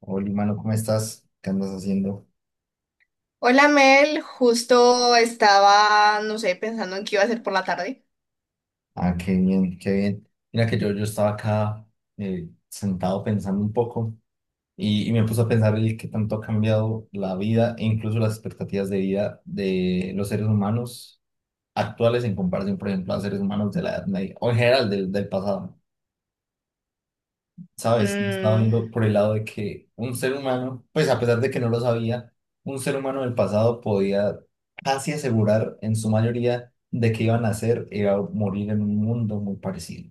Hola, mano, ¿cómo estás? ¿Qué andas haciendo? Hola Mel, justo estaba, no sé, pensando en qué iba a hacer por la tarde. Ah, qué bien, qué bien. Mira que yo estaba acá sentado pensando un poco y me puse a pensar el qué tanto ha cambiado la vida e incluso las expectativas de vida de los seres humanos actuales en comparación, por ejemplo, a seres humanos de la Edad Media o en general del pasado. ¿Sabes? Yo estaba Mm, viendo por el lado de que un ser humano, pues a pesar de que no lo sabía, un ser humano del pasado podía casi asegurar en su mayoría de que iba a nacer e iba a morir en un mundo muy parecido.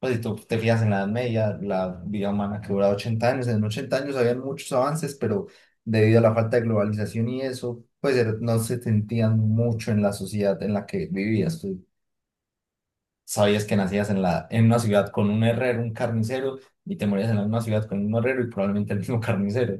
Pues si tú te fijas en la Edad Media, la vida humana que duraba 80 años, en 80 años había muchos avances, pero debido a la falta de globalización y eso, no se sentían mucho en la sociedad en la que vivías. Pues sabías que nacías en en una ciudad con un herrero, un carnicero, y te morías en la misma ciudad con un herrero y probablemente el mismo carnicero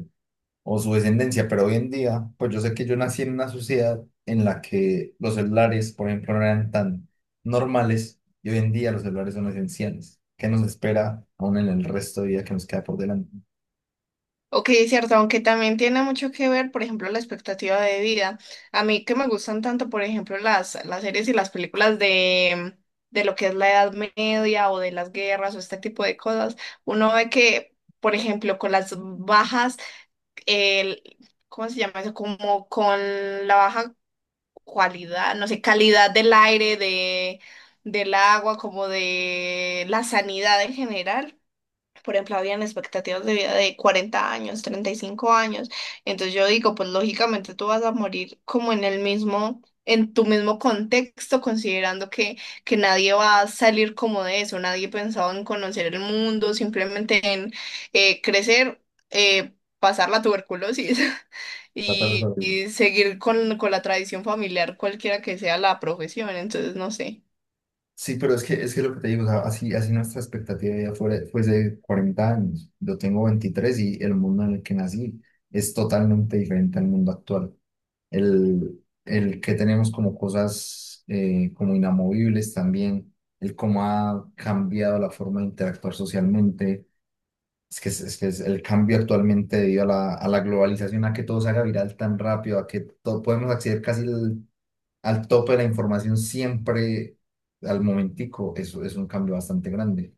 o su descendencia. Pero hoy en día, pues yo sé que yo nací en una sociedad en la que los celulares, por ejemplo, no eran tan normales y hoy en día los celulares son esenciales. ¿Qué nos espera aún en el resto de vida que nos queda por delante? ok, cierto, aunque también tiene mucho que ver, por ejemplo, la expectativa de vida. A mí que me gustan tanto, por ejemplo, las series y las películas de lo que es la Edad Media o de las guerras o este tipo de cosas, uno ve que, por ejemplo, con las bajas, el, ¿cómo se llama eso? Como con la baja no sé, calidad del aire, del agua, como de la sanidad en general. Por ejemplo, habían expectativas de vida de 40 años, 35 años. Entonces yo digo, pues lógicamente tú vas a morir como en el mismo, en tu mismo contexto, considerando que, nadie va a salir como de eso, nadie pensaba en conocer el mundo, simplemente en crecer, eh, pasar la tuberculosis Tratar de y, sobrevivir. y seguir con la tradición familiar, cualquiera que sea la profesión. Entonces, no sé. Sí, pero es que lo que te digo, o sea, así nuestra expectativa de vida fuese de 40 años. Yo tengo 23 y el mundo en el que nací es totalmente diferente al mundo actual. El que tenemos como cosas como inamovibles también, el cómo ha cambiado la forma de interactuar socialmente. Es que es el cambio actualmente debido a a la globalización, a que todo se haga viral tan rápido, a que todo, podemos acceder casi al tope de la información siempre al momentico, eso es un cambio bastante grande.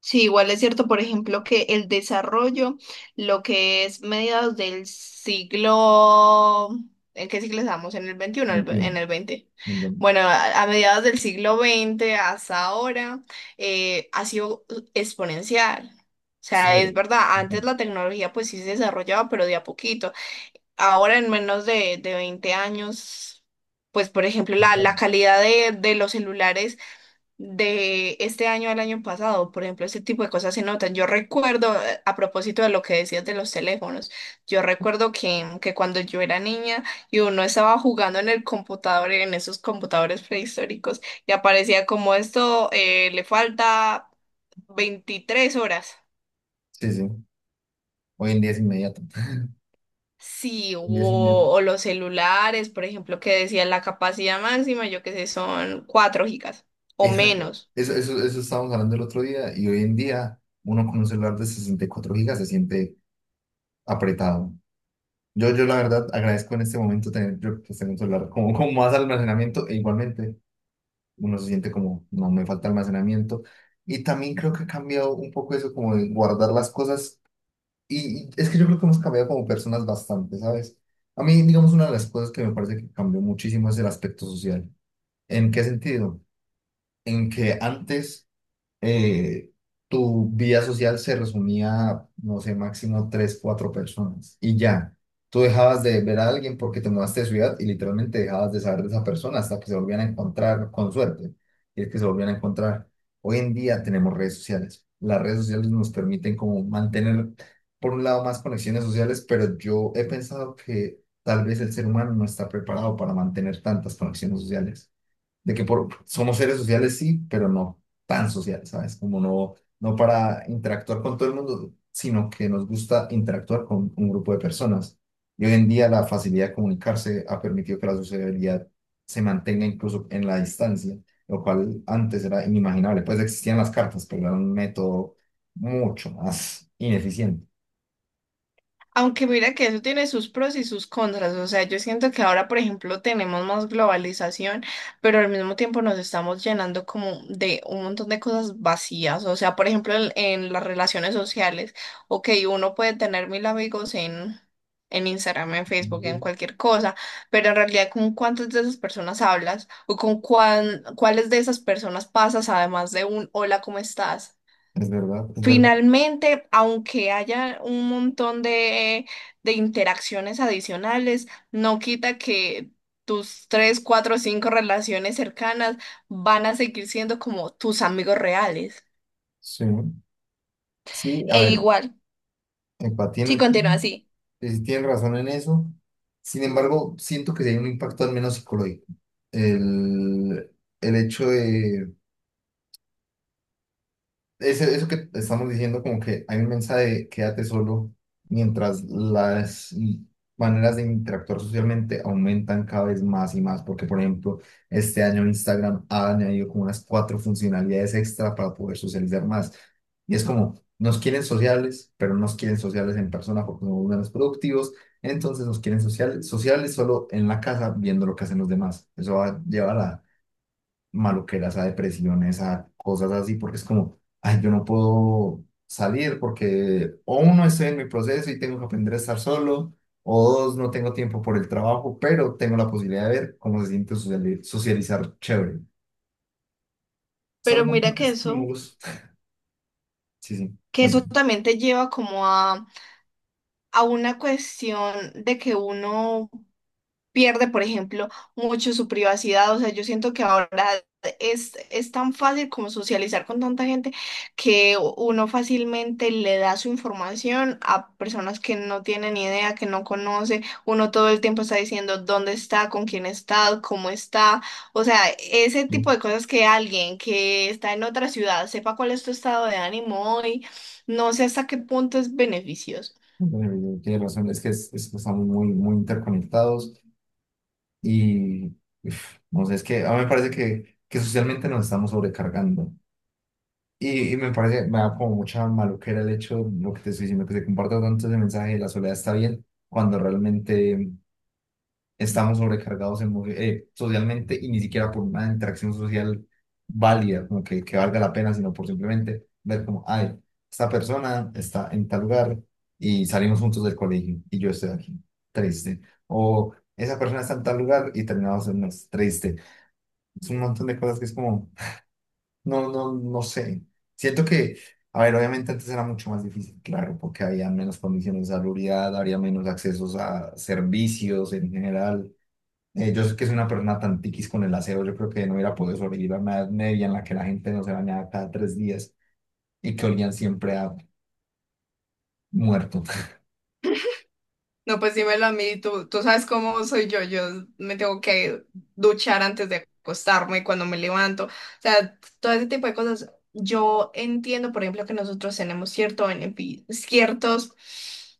Sí, igual es cierto, por ejemplo, que el desarrollo, lo que es mediados del siglo, ¿en qué siglo estamos? ¿En el XXI, 21, en el XX? 21. Bueno, a mediados del siglo XX hasta ahora ha sido exponencial. O Sí, sea, es verdad, antes la tecnología pues sí se desarrollaba, pero de a poquito. Ahora en menos de, 20 años, pues por ejemplo, la calidad de los celulares de este año al año pasado. Por ejemplo, ese tipo de cosas se notan. Yo recuerdo, a propósito de lo que decías de los teléfonos, yo recuerdo que, cuando yo era niña y uno estaba jugando en el computador, en esos computadores prehistóricos, y aparecía como esto, le falta 23 horas. sí, sí. Hoy en día es inmediato. Hoy Sí, o, en día es inmediato. o los celulares, por ejemplo, que decían la capacidad máxima, yo qué sé, son 4 gigas o Exacto. menos. Eso estábamos hablando el otro día y hoy en día uno con un celular de 64 gigas se siente apretado. Yo la verdad agradezco en este momento tener, yo, pues, tengo un celular como con más almacenamiento e igualmente uno se siente como, no, me falta almacenamiento. Y también creo que ha cambiado un poco eso como de guardar las cosas. Y es que yo creo que hemos cambiado como personas bastante, ¿sabes? A mí, digamos, una de las cosas que me parece que cambió muchísimo es el aspecto social. ¿En qué sentido? En que antes eh, tu vida social se resumía, a, no sé, máximo 3, 4 personas y ya. Tú dejabas de ver a alguien porque te mudaste de ciudad y literalmente dejabas de saber de esa persona hasta que se volvían a encontrar con suerte. Y es que se volvían a encontrar. Hoy en día tenemos redes sociales. Las redes sociales nos permiten como mantener, por un lado, más conexiones sociales, pero yo he pensado que tal vez el ser humano no está preparado para mantener tantas conexiones sociales de que por, somos seres sociales, sí, pero no tan sociales, ¿sabes? Como no para interactuar con todo el mundo, sino que nos gusta interactuar con un grupo de personas. Y hoy en día la facilidad de comunicarse ha permitido que la sociabilidad se mantenga incluso en la distancia, lo cual antes era inimaginable. Pues existían las cartas, pero era un método mucho más ineficiente. Aunque mira que eso tiene sus pros y sus contras, o sea, yo siento que ahora, por ejemplo, tenemos más globalización, pero al mismo tiempo nos estamos llenando como de un montón de cosas vacías, o sea, por ejemplo, en, las relaciones sociales, ok, uno puede tener mil amigos en Instagram, en Facebook, en Sí. cualquier cosa, pero en realidad con cuántas de esas personas hablas o con cuáles de esas personas pasas además de un hola, ¿cómo estás? Es verdad, es verdad. Finalmente, aunque haya un montón de, interacciones adicionales, no quita que tus tres, cuatro o cinco relaciones cercanas van a seguir siendo como tus amigos reales. Sí. Sí, a E ver, igual, empatía en si el continúa team. así. Tienen razón en eso. Sin embargo, siento que sí hay un impacto al menos psicológico. El, el hecho de, eso que estamos diciendo, como que hay un mensaje de quédate solo mientras maneras de interactuar socialmente aumentan cada vez más y más, porque por ejemplo, este año Instagram ha añadido como unas cuatro funcionalidades extra para poder socializar más. Y es como, nos quieren sociales, pero no nos quieren sociales en persona porque somos menos productivos, entonces nos quieren sociales, sociales solo en la casa viendo lo que hacen los demás. Eso va a llevar a maluqueras, a depresiones, a cosas así, porque es como, ay, yo no puedo salir porque o uno estoy en mi proceso y tengo que aprender a estar solo, o dos, no tengo tiempo por el trabajo, pero tengo la posibilidad de ver cómo se siente socializar chévere. Son Pero un montón mira de que eso, estímulos. Sí, sí, que bueno, eso también te lleva como a una cuestión de que uno pierde, por ejemplo, mucho su privacidad. O sea, yo siento que ahora es tan fácil como socializar con tanta gente que uno fácilmente le da su información a personas que no tienen ni idea, que no conoce. Uno todo el tiempo está diciendo dónde está, con quién está, cómo está. O sea, ese no, tipo de cosas que alguien que está en otra ciudad sepa cuál es tu estado de ánimo hoy, no sé hasta qué punto es beneficioso. bueno, tiene razón, es que estamos muy interconectados y, uf, no sé, es que a mí me parece que socialmente nos estamos sobrecargando. Y me parece, me da como mucha maluquera el hecho, lo que te estoy diciendo, que se comparta tanto ese mensaje de la soledad está bien, cuando realmente estamos sobrecargados socialmente y ni siquiera por una interacción social válida, como que valga la pena, sino por simplemente ver como, ay, esta persona está en tal lugar y salimos juntos del colegio y yo estoy aquí, triste. O esa persona está en tal lugar y terminamos en más, triste. Es un montón de cosas que es como... no sé. Siento que, a ver, obviamente antes era mucho más difícil, claro, porque había menos condiciones de salubridad, había menos accesos a servicios en general. Yo sé que soy una persona tan tiquis con el aseo, yo creo que no hubiera podido sobrevivir a una edad media en la que la gente no se bañaba cada 3 días y que olían siempre a muerto. No, pues dímelo a mí, tú, sabes cómo soy yo me tengo que duchar antes de acostarme, cuando me levanto, o sea, todo ese tipo de cosas. Yo entiendo, por ejemplo, que nosotros tenemos ciertos,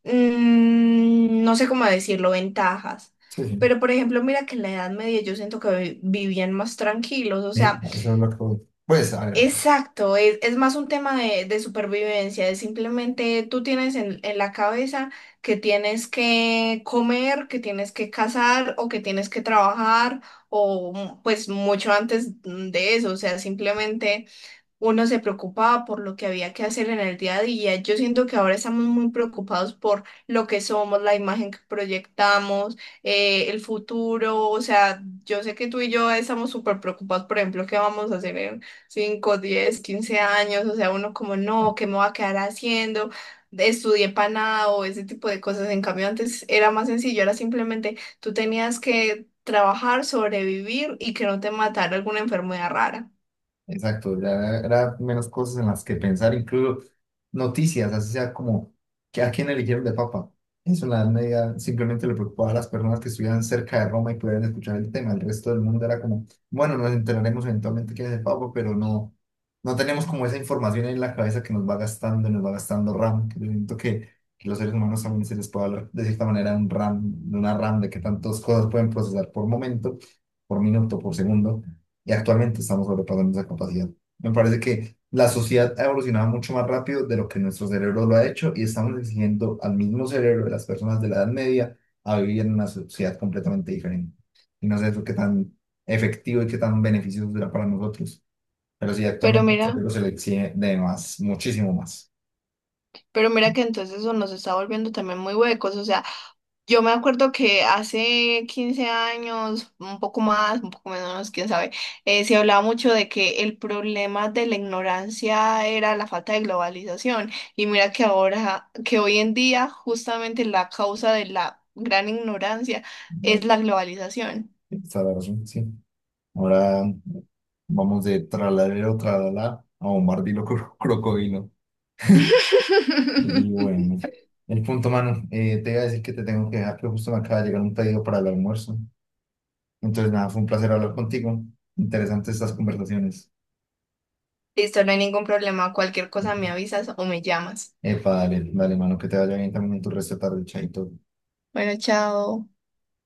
no sé cómo decirlo, ventajas, Sí, sí. pero por ejemplo, mira que en la Edad Media yo siento que vivían más tranquilos, o sea, Eso es lo que... Pues, a ver, exacto, es, más un tema de supervivencia, es simplemente tú tienes en la cabeza que tienes que comer, que tienes que cazar o que tienes que trabajar o pues mucho antes de eso, o sea, simplemente uno se preocupaba por lo que había que hacer en el día a día. Yo siento que ahora estamos muy preocupados por lo que somos, la imagen que proyectamos, el futuro. O sea, yo sé que tú y yo estamos súper preocupados, por ejemplo, qué vamos a hacer en 5, 10, 15 años. O sea, uno como, no, ¿qué me va a quedar haciendo? Estudié para nada o ese tipo de cosas. En cambio, antes era más sencillo, era simplemente tú tenías que trabajar, sobrevivir y que no te matara alguna enfermedad rara. exacto, ya era menos cosas en las que pensar, incluso noticias, así sea como que a quién eligieron de papa. Eso en la Edad Media simplemente le preocupaba a las personas que estuvieran cerca de Roma y pudieran escuchar el tema. El resto del mundo era como, bueno, nos enteraremos eventualmente quién es el papa, pero no tenemos como esa información en la cabeza que nos va gastando RAM. Que yo siento que los seres humanos también se les puede hablar de cierta manera de un RAM, de una RAM, de que tantas cosas pueden procesar por momento, por minuto, por segundo y actualmente estamos sobrepasando esa capacidad. Me parece que la sociedad ha evolucionado mucho más rápido de lo que nuestro cerebro lo ha hecho y estamos exigiendo al mismo cerebro de las personas de la Edad Media a vivir en una sociedad completamente diferente. Y no sé eso qué tan efectivo y qué tan beneficioso será para nosotros, pero sí, Pero actualmente al mira. cerebro se le exige de más, muchísimo más. Pero mira que entonces eso nos está volviendo también muy huecos. O sea, yo me acuerdo que hace 15 años, un poco más, un poco menos, quién sabe, se hablaba mucho de que el problema de la ignorancia era la falta de globalización. Y mira que ahora, que hoy en día, justamente la causa de la gran ignorancia No, es la globalización. está la razón, sí. Ahora vamos de tralalero, tralala a bombardilo crocodilo. Y bueno, el punto, mano, te iba a decir que te tengo que dejar, pero justo me acaba de llegar un pedido para el almuerzo. Entonces, nada, fue un placer hablar contigo. Interesantes estas conversaciones. Listo, no hay ningún problema. Cualquier cosa Ujú. me avisas o me llamas. Epa, dale, dale, mano, que te vaya bien también en tu resto de tarde, chaito. Bueno, chao.